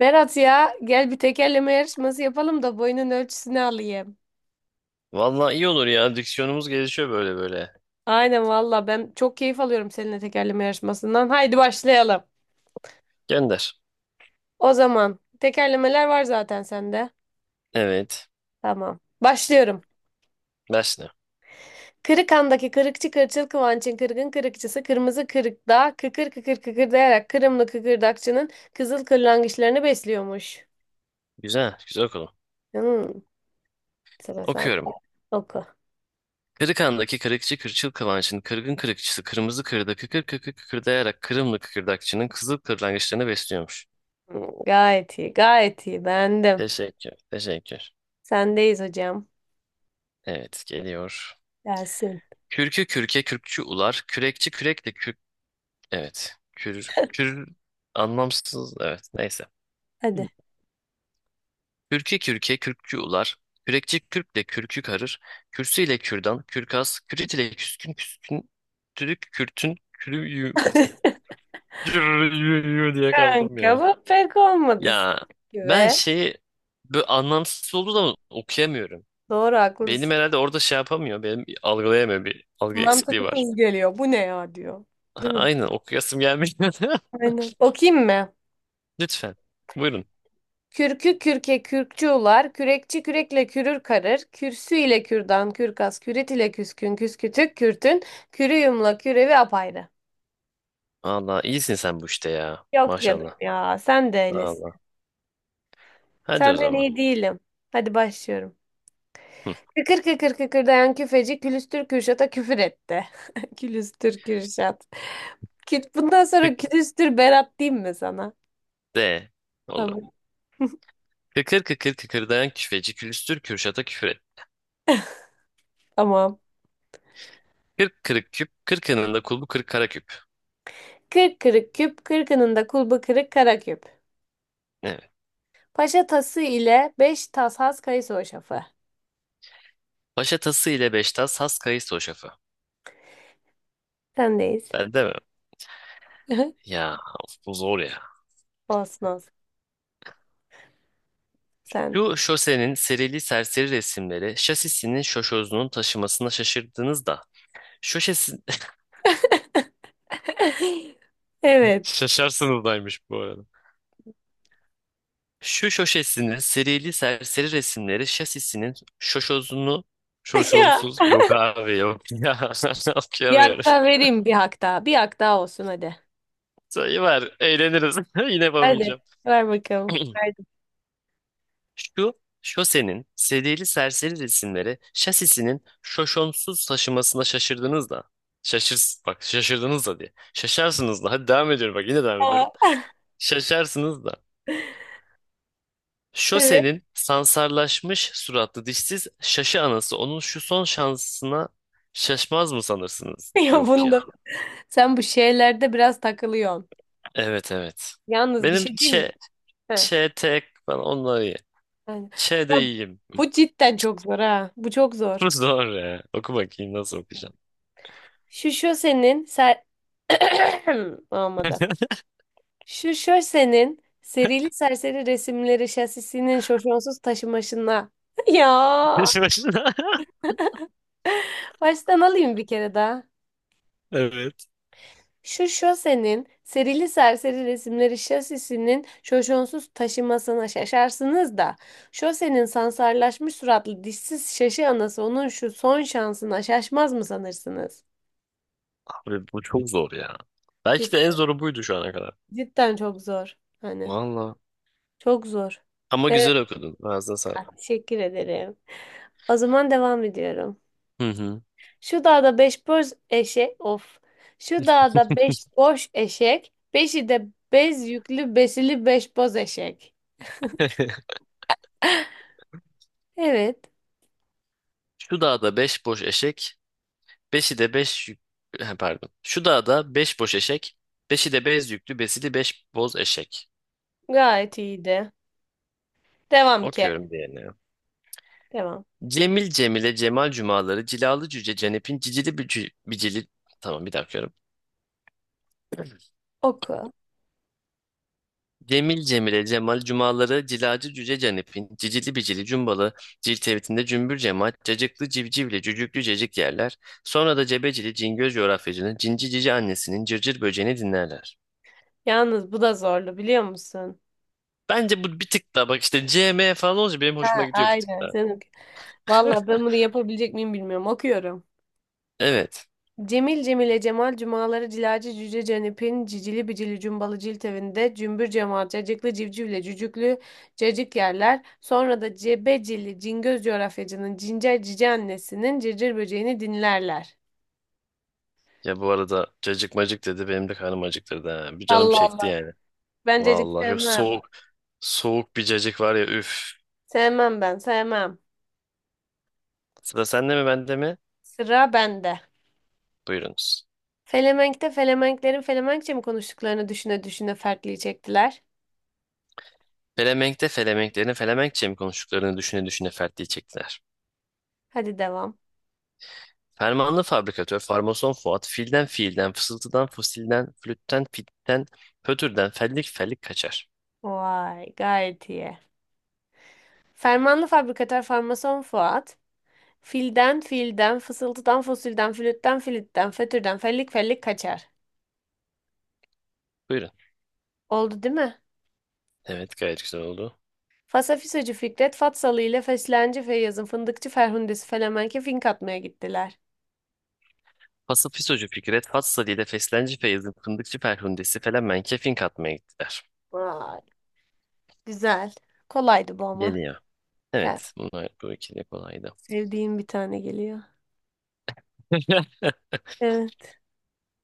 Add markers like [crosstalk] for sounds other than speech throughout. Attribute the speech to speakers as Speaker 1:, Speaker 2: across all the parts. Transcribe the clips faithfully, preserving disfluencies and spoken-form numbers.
Speaker 1: Berat, ya gel bir tekerleme yarışması yapalım da boyunun ölçüsünü alayım.
Speaker 2: Vallahi iyi olur ya. Diksiyonumuz gelişiyor böyle böyle.
Speaker 1: Aynen valla, ben çok keyif alıyorum seninle tekerleme yarışmasından. Haydi başlayalım.
Speaker 2: Gönder.
Speaker 1: O zaman tekerlemeler var zaten sende.
Speaker 2: Evet.
Speaker 1: Tamam. Başlıyorum.
Speaker 2: Ders ne?
Speaker 1: Kırıkhan'daki kırıkçı kırçıl Kıvanç'ın kırgın kırıkçısı kırmızı kırıkta kıkır kıkır kıkırdayarak Kırımlı kıkırdakçının kızıl kırlangıçlarını besliyormuş.
Speaker 2: Güzel. Güzel okudum.
Speaker 1: Hmm, sıra sen
Speaker 2: Okuyorum.
Speaker 1: oku.
Speaker 2: Kırıkhan'daki kırıkçı kırçıl kıvanç'ın kırgın kırıkçısı kırmızı kırda kıkır kıkır kıkırdayarak Kırımlı kıkırdakçının kızıl kırlangıçlarını besliyormuş.
Speaker 1: Hmm, gayet iyi, gayet iyi, beğendim.
Speaker 2: Teşekkür. Teşekkür.
Speaker 1: Sendeyiz hocam.
Speaker 2: Evet geliyor.
Speaker 1: Gelsin.
Speaker 2: Kürkü kürke kürkçü ular. Kürekçi kürek de kürk. Evet. Kür. Kür. Anlamsız. Evet. Neyse.
Speaker 1: Hadi.
Speaker 2: Kürkü kürke kürkçü ular, kürekçi kürkle kürkü karır, kürsü ile kürdan, kürkas, kürit ile küskün küskün, türük kürtün, kürüyü,
Speaker 1: [laughs]
Speaker 2: kürüyü [laughs] diye kaldım
Speaker 1: Kanka,
Speaker 2: ya.
Speaker 1: bu pek olmadı
Speaker 2: Ya
Speaker 1: sanki
Speaker 2: ben
Speaker 1: ve
Speaker 2: şeyi böyle anlamsız olduğu zaman okuyamıyorum.
Speaker 1: doğru,
Speaker 2: Benim
Speaker 1: haklısın.
Speaker 2: herhalde orada şey yapamıyor, benim algılayamıyor bir algı eksikliği var.
Speaker 1: Mantıksız geliyor. Bu ne ya, diyor.
Speaker 2: Ha,
Speaker 1: Değil mi?
Speaker 2: aynen okuyasım gelmiyor. [laughs]
Speaker 1: Aynen. Okuyayım mı?
Speaker 2: Lütfen buyurun.
Speaker 1: Kürkü kürke kürkçü ular, kürekçi kürekle kürür karır, kürsü ile kürdan, kürkas, kürit ile küskün, küskütük, kürtün, kürüyümla kürevi apayrı.
Speaker 2: Valla iyisin sen bu işte ya
Speaker 1: Yok canım
Speaker 2: maşallah.
Speaker 1: ya, sen de öylesin.
Speaker 2: Valla hadi o
Speaker 1: Senden
Speaker 2: zaman.
Speaker 1: iyi değilim. Hadi başlıyorum.
Speaker 2: Hı.
Speaker 1: Kıkır kıkır kıkırdayan küfeci külüstür Kürşat'a küfür etti. [laughs] Külüstür Kürşat. Küt- bundan sonra
Speaker 2: Tık
Speaker 1: külüstür Berat diyeyim mi sana?
Speaker 2: de olur.
Speaker 1: Tamam.
Speaker 2: Kıkır kıkır kıkırdayan küfeci külüstür Kürşat'a küfür et.
Speaker 1: Tamam.
Speaker 2: Kırk kırık küp, kırkının da kulbu kırk kara küp.
Speaker 1: Kırk kırık küp, kırkının da kulbu kırık kara küp.
Speaker 2: Evet.
Speaker 1: Paşa tası ile beş tas has kayısı hoşafı.
Speaker 2: Paşa tası ile beş tas, has kayısı o şafı.
Speaker 1: Sendeyiz.
Speaker 2: Ben de mi?
Speaker 1: [laughs]
Speaker 2: Ya of, bu zor ya.
Speaker 1: Olsun olsun. Sen.
Speaker 2: Şu şosenin serili serseri resimleri şasisinin şoşozunun taşımasına şaşırdınız da. Şoşesin...
Speaker 1: [laughs] Evet.
Speaker 2: Şaşarsınız daymış [laughs] bu arada. Şu şoşesinin serili serseri resimleri şasisinin şoşozunu
Speaker 1: [laughs] Ya.
Speaker 2: şoşonsuz yok abi yok [laughs] ya
Speaker 1: Bir hak
Speaker 2: okuyamıyorum.
Speaker 1: daha vereyim, bir hak daha. Bir hak daha olsun, hadi.
Speaker 2: Sayı var, eğleniriz. [laughs] Yine
Speaker 1: Hadi.
Speaker 2: yapamayacağım.
Speaker 1: Ver bakalım.
Speaker 2: [clears throat]
Speaker 1: Verdim.
Speaker 2: Şu şosenin sediyeli serseri resimleri şasisinin şoşonsuz taşımasına şaşırdınız da. Şaşır, bak şaşırdınız da diye. Şaşarsınız da. Hadi devam ediyorum bak yine devam ediyorum.
Speaker 1: Aa,
Speaker 2: Şaşarsınız da.
Speaker 1: evet.
Speaker 2: Şosenin sansarlaşmış suratlı dişsiz şaşı anası onun şu son şansına şaşmaz mı sanırsınız?
Speaker 1: [laughs] Ya
Speaker 2: Yok ya.
Speaker 1: bunda. Sen bu şeylerde biraz takılıyorsun.
Speaker 2: Evet evet.
Speaker 1: Yalnız bir
Speaker 2: Benim
Speaker 1: şey
Speaker 2: ç,
Speaker 1: diyeyim mi? Heh.
Speaker 2: ç, tek falan onları ye.
Speaker 1: Yani.
Speaker 2: Ç de
Speaker 1: Ya
Speaker 2: iyiyim.
Speaker 1: bu cidden çok zor ha. Bu çok
Speaker 2: Bu
Speaker 1: zor.
Speaker 2: zor ya. Oku bakayım nasıl okuyacaksın.
Speaker 1: Şu şu senin ser... [coughs] [clears throat] olmadı.
Speaker 2: [laughs]
Speaker 1: Şu şu senin serili serseri resimleri şasisinin şoşonsuz taşımaşına. [laughs] Ya,
Speaker 2: Peşi başına.
Speaker 1: baştan alayım bir kere daha.
Speaker 2: Evet.
Speaker 1: Şu şu senin serili serseri resimleri şasisinin şoşonsuz taşımasına şaşarsınız da. Şosenin sansarlaşmış suratlı dişsiz şaşı anası onun şu son şansına şaşmaz mı sanırsınız?
Speaker 2: Abi bu çok zor ya. Belki de en zoru buydu şu ana kadar.
Speaker 1: Cidden çok zor. Hani
Speaker 2: Valla.
Speaker 1: çok zor.
Speaker 2: Ama
Speaker 1: Evet,
Speaker 2: güzel okudun. Ağzına sağlık.
Speaker 1: teşekkür ederim. O zaman devam ediyorum.
Speaker 2: Hı hı.
Speaker 1: Şu dağda beş boş eşek, of. Şu dağda beş boş eşek, beşi de bez yüklü besili beş boz eşek.
Speaker 2: [laughs]
Speaker 1: Evet,
Speaker 2: Şu dağda beş boş eşek, beşi de beş yük... He, pardon. Şu dağda beş boş eşek, beşi de bez yüklü, besili beş boz eşek.
Speaker 1: gayet iyiydi. Devam ki.
Speaker 2: Okuyorum diğerini. Ya.
Speaker 1: Devam.
Speaker 2: Cemil Cemile Cemal cumaları, cilalı cüce Cenep'in cicili bücü, bicili... Tamam bir dakika.
Speaker 1: Oku.
Speaker 2: Cemil Cemile Cemal cumaları cilacı cüce Canip'in cicili bicili cumbalı cilt evitinde cümbür cemaat cacıklı civcivle cücüklü cecik yerler. Sonra da cebecili cingöz coğrafyacının cinci cici annesinin cırcır böceğini dinlerler.
Speaker 1: Yalnız bu da zorlu, biliyor musun?
Speaker 2: Bence bu bir tık daha, bak işte C M falan olunca benim hoşuma
Speaker 1: Ha,
Speaker 2: gidiyor bir tık
Speaker 1: aynen.
Speaker 2: daha. [laughs]
Speaker 1: Sen oku. Vallahi ben bunu yapabilecek miyim bilmiyorum. Okuyorum.
Speaker 2: Evet.
Speaker 1: Cemil Cemile Cemal cumaları cilacı cüce cenipin cicili bicili cumbalı cilt evinde cümbür cemal cacıklı civcivle cücüklü cacık yerler. Sonra da cebecili cingöz coğrafyacının cincer cici annesinin cırcır böceğini dinlerler.
Speaker 2: Ya bu arada cacık macık dedi, benim de karnım acıktırdı ha. Bir canım
Speaker 1: Allah
Speaker 2: çekti
Speaker 1: Allah.
Speaker 2: yani.
Speaker 1: Ben cacık
Speaker 2: Vallahi şu
Speaker 1: sevmem.
Speaker 2: soğuk soğuk bir cacık var ya, üf.
Speaker 1: Sevmem, ben sevmem.
Speaker 2: Sıra sende mi bende mi?
Speaker 1: Sıra bende.
Speaker 2: Buyurunuz.
Speaker 1: Felemenk'te Felemenklerin Felemenkçe mi konuştuklarını düşüne düşüne fertliği çektiler.
Speaker 2: Felemenk'te Felemenklerin Felemenkçe mi konuştuklarını düşüne düşüne fertliği çektiler.
Speaker 1: Hadi devam.
Speaker 2: Fermanlı fabrikatör, farmason Fuat, filden fiilden, fısıltıdan fosilden, flütten fitten, pötürden fellik fellik kaçar.
Speaker 1: Vay, gayet iyi. Fermanlı fabrikatör farmason Fuat. Filden filden, fısıltıdan fosilden, flütten flütten, fötürden, fellik fellik kaçar.
Speaker 2: Buyurun.
Speaker 1: Oldu, değil mi?
Speaker 2: Evet, gayet güzel oldu.
Speaker 1: Fasafisocu Fikret Fatsalı ile Feslenci Feyyaz'ın fındıkçı Ferhundesi Felemenke fink atmaya gittiler.
Speaker 2: Pası fisocu Fikret, Fat Sali'de feslenci Feyyaz'ın fındıkçı Ferhundesi Felemenk'e fink atmaya gittiler.
Speaker 1: Vay, güzel. Kolaydı bu ama.
Speaker 2: Geliyor.
Speaker 1: Ya,
Speaker 2: Evet, bunlar bu ikili kolaydı.
Speaker 1: sevdiğim bir tane geliyor.
Speaker 2: [laughs]
Speaker 1: Evet,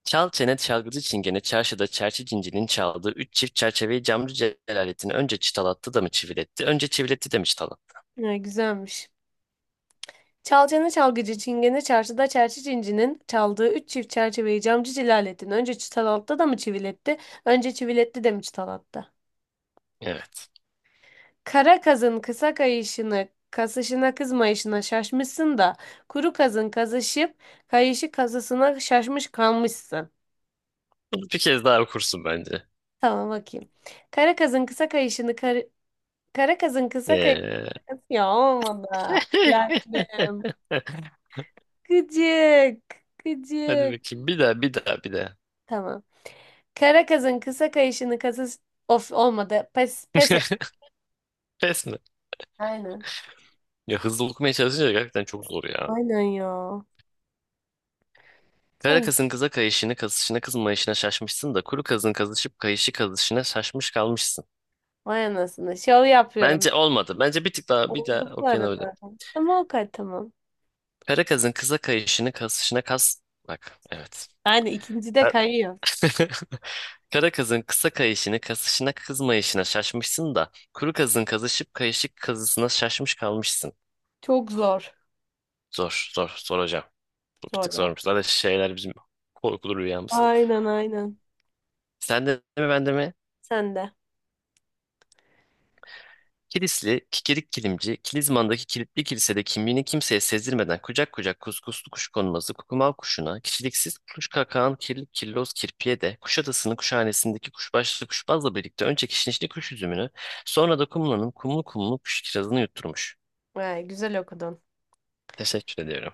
Speaker 2: Çal çene çalgıcı çingene çarşıda çerçi cincinin çaldığı üç çift çerçeveyi camcı Celalettin önce çıtalattı da mı çiviletti, önce çiviletti de mi çıtalattı?
Speaker 1: ya, güzelmiş. Çalcanı çalgıcı çingene çarşıda çerçi cincinin çaldığı üç çift çerçeveyi camcı Cilalettin önce çıtalattı da mı çiviletti, önce çiviletti de mi çıtalattı?
Speaker 2: Evet.
Speaker 1: Kara kazın kısa kayışını, kasışına kızmayışına şaşmışsın da, kuru kazın kazışıp kayışı kazısına şaşmış kalmışsın.
Speaker 2: Bunu bir kez daha okursun bence.
Speaker 1: Tamam, bakayım. Kara kazın kısa kayışını, kar- kara kazın kısa
Speaker 2: Ee,
Speaker 1: kayışını, ya olmadı. Lan
Speaker 2: [laughs]
Speaker 1: be. Gıcık,
Speaker 2: hadi
Speaker 1: gıcık.
Speaker 2: bakayım. Bir daha, bir daha, bir daha.
Speaker 1: Tamam. Kara kazın kısa kayışını kasış, of olmadı. Pes, pes et.
Speaker 2: [laughs] Pes mi?
Speaker 1: Aynen.
Speaker 2: Ya hızlı okumaya çalışınca gerçekten çok zor ya.
Speaker 1: Aynen ya.
Speaker 2: Kara
Speaker 1: Sen
Speaker 2: kızın kıza kayışını, kazışına, kızmayışına şaşmışsın da kuru kızın kazışıp kayışı kazışına şaşmış kalmışsın.
Speaker 1: vay anasını. Şov yapıyorum.
Speaker 2: Bence olmadı. Bence bir tık daha, bir daha
Speaker 1: Oldu bu
Speaker 2: okuyana öyle.
Speaker 1: arada. Ama o kadar, tamam.
Speaker 2: Kara kızın kıza kayışını, kazışına, kaz... Bak, evet.
Speaker 1: Yani ikinci de kayıyor.
Speaker 2: [laughs] Kara kazın kısa kayışını kasışına kızmayışına şaşmışsın da kuru kazın kazışıp kayışık kazısına şaşmış kalmışsın.
Speaker 1: Çok zor.
Speaker 2: Zor, zor, zor hocam. Bu bir
Speaker 1: Zor
Speaker 2: tık
Speaker 1: be.
Speaker 2: zormuş. Zaten şeyler bizim korkulu rüyamız.
Speaker 1: Aynen, aynen.
Speaker 2: Sen de mi ben de mi?
Speaker 1: Sen de.
Speaker 2: Kilisli, kikirik kilimci, Kilizman'daki kilitli kilisede kimliğini kimseye sezdirmeden kucak kucak kuskuslu kuş konması kukumav kuşuna, kişiliksiz kuş kakağın kirli kirloz kirpiye de Kuşadası'nın kuşhanesindeki kuşbaşlı kuşbazla birlikte önce kişnişli kuş üzümünü, sonra da kumlanın kumlu kumlu kuş kirazını yutturmuş.
Speaker 1: Vay, güzel okudun.
Speaker 2: Teşekkür ediyorum.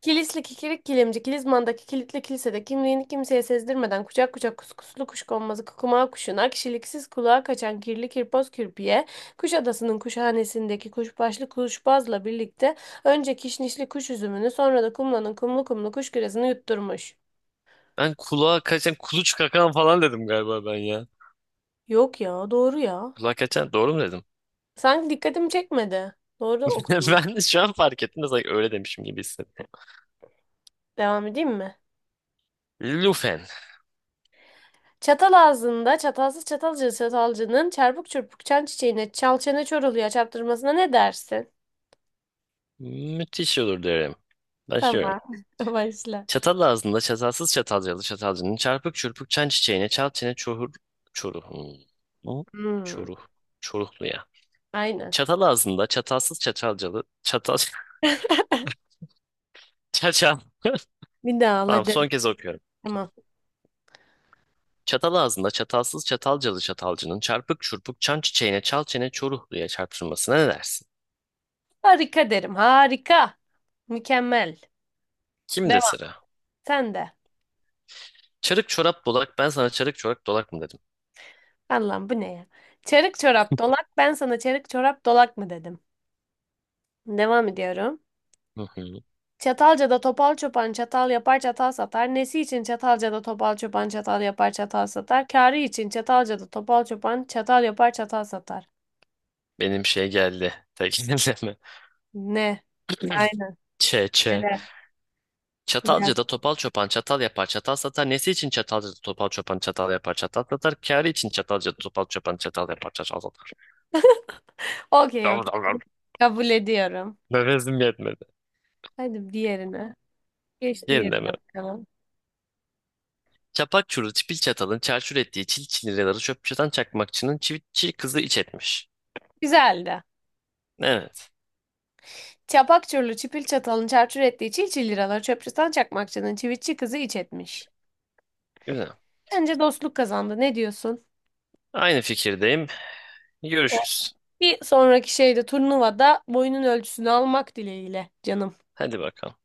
Speaker 1: Kilisli kikirik kilimci, Kilizman'daki kilitli kilisede kimliğini kimseye sezdirmeden kucak kucak kuskuslu kuşkonmazı kukumağı kuşuna, kişiliksiz kulağa kaçan kirli kirpoz kürpiye, Kuşadası'nın kuşhanesindeki kuşbaşlı kuşbazla birlikte önce kişnişli kuş üzümünü, sonra da kumlanın kumlu kumlu kuş küresini yutturmuş.
Speaker 2: Ben kulağa kaçan kuluç kakan falan dedim galiba ben ya.
Speaker 1: Yok ya, doğru ya.
Speaker 2: Kulağa kaçan doğru mu dedim?
Speaker 1: Sanki dikkatimi çekmedi. Doğru
Speaker 2: [laughs]
Speaker 1: okudum.
Speaker 2: Ben de şu an fark ettim de sanki öyle demişim gibi hissettim.
Speaker 1: Devam edeyim mi?
Speaker 2: Lufen.
Speaker 1: Çatal ağzında çatalsız çatalcı çatalcının çarpık çırpık çan çiçeğine çal çene çor oluyor çarptırmasına ne dersin?
Speaker 2: Müthiş olur derim. Başlıyorum.
Speaker 1: Tamam. [laughs] Başla.
Speaker 2: Çatal ağzında çatalsız çatalcalı çatalcının çarpık çırpık çan çiçeğine çal çene çoruh çoruh. Hmm. Bu
Speaker 1: Hmm,
Speaker 2: Çoruh. Çoruhlu ya.
Speaker 1: aynen.
Speaker 2: Çatal ağzında çatalsız çatalcalı çatal [laughs] çaçal.
Speaker 1: Bir daha al,
Speaker 2: Tamam,
Speaker 1: hadi.
Speaker 2: son kez okuyorum.
Speaker 1: Tamam.
Speaker 2: Çatal ağzında çatalsız çatalcalı çatalcının çarpık çurpuk çan çiçeğine çal çene çoruhluya çarpışmasına ne dersin?
Speaker 1: Harika derim. Harika. Mükemmel.
Speaker 2: Kimde
Speaker 1: Devam.
Speaker 2: sıra?
Speaker 1: Sen de.
Speaker 2: Çarık çorap dolak, ben sana çarık çorak dolak mı dedim?
Speaker 1: Allah'ım, bu ne ya? Çarık çorap dolak. Ben sana çarık çorap dolak mı dedim? Devam ediyorum.
Speaker 2: Hı hı.
Speaker 1: Çatalca'da topal çoban çatal yapar, çatal satar. Nesi için Çatalca'da topal çoban çatal yapar, çatal satar. Kârı için Çatalca'da topal çoban çatal yapar, çatal satar.
Speaker 2: Benim şey geldi. Tekinleme.
Speaker 1: Ne? Aynen.
Speaker 2: [laughs] Çe çe.
Speaker 1: Helal. Gel.
Speaker 2: Çatalcı da topal çopan çatal yapar çatal satar. Nesi için çatalcı da topal çopan çatal yapar çatal satar. Kârı için çatalcı da topal çopan çatal yapar çatal satar. [laughs]
Speaker 1: Okey
Speaker 2: Dav,
Speaker 1: okey.
Speaker 2: dav, dav.
Speaker 1: Kabul ediyorum.
Speaker 2: Nefesim yetmedi.
Speaker 1: Hadi diğerine. Geç
Speaker 2: Yerinde
Speaker 1: diğerine
Speaker 2: mi?
Speaker 1: bakalım.
Speaker 2: Çapak çuru çipil çatalın çarçur ettiği çil çiniraları çöp çatan çakmakçının çivitçi kızı iç etmiş.
Speaker 1: Güzeldi.
Speaker 2: Evet.
Speaker 1: Çapak çurlu çipil çatalın çarçur ettiği çil çil liralar çöpçüden çakmakçının çivitçi kızı iç etmiş.
Speaker 2: Güzel.
Speaker 1: Bence dostluk kazandı. Ne diyorsun?
Speaker 2: Aynı fikirdeyim.
Speaker 1: Evet.
Speaker 2: Görüşürüz.
Speaker 1: Bir sonraki şeyde, turnuvada, boyunun ölçüsünü almak dileğiyle canım.
Speaker 2: Hadi bakalım.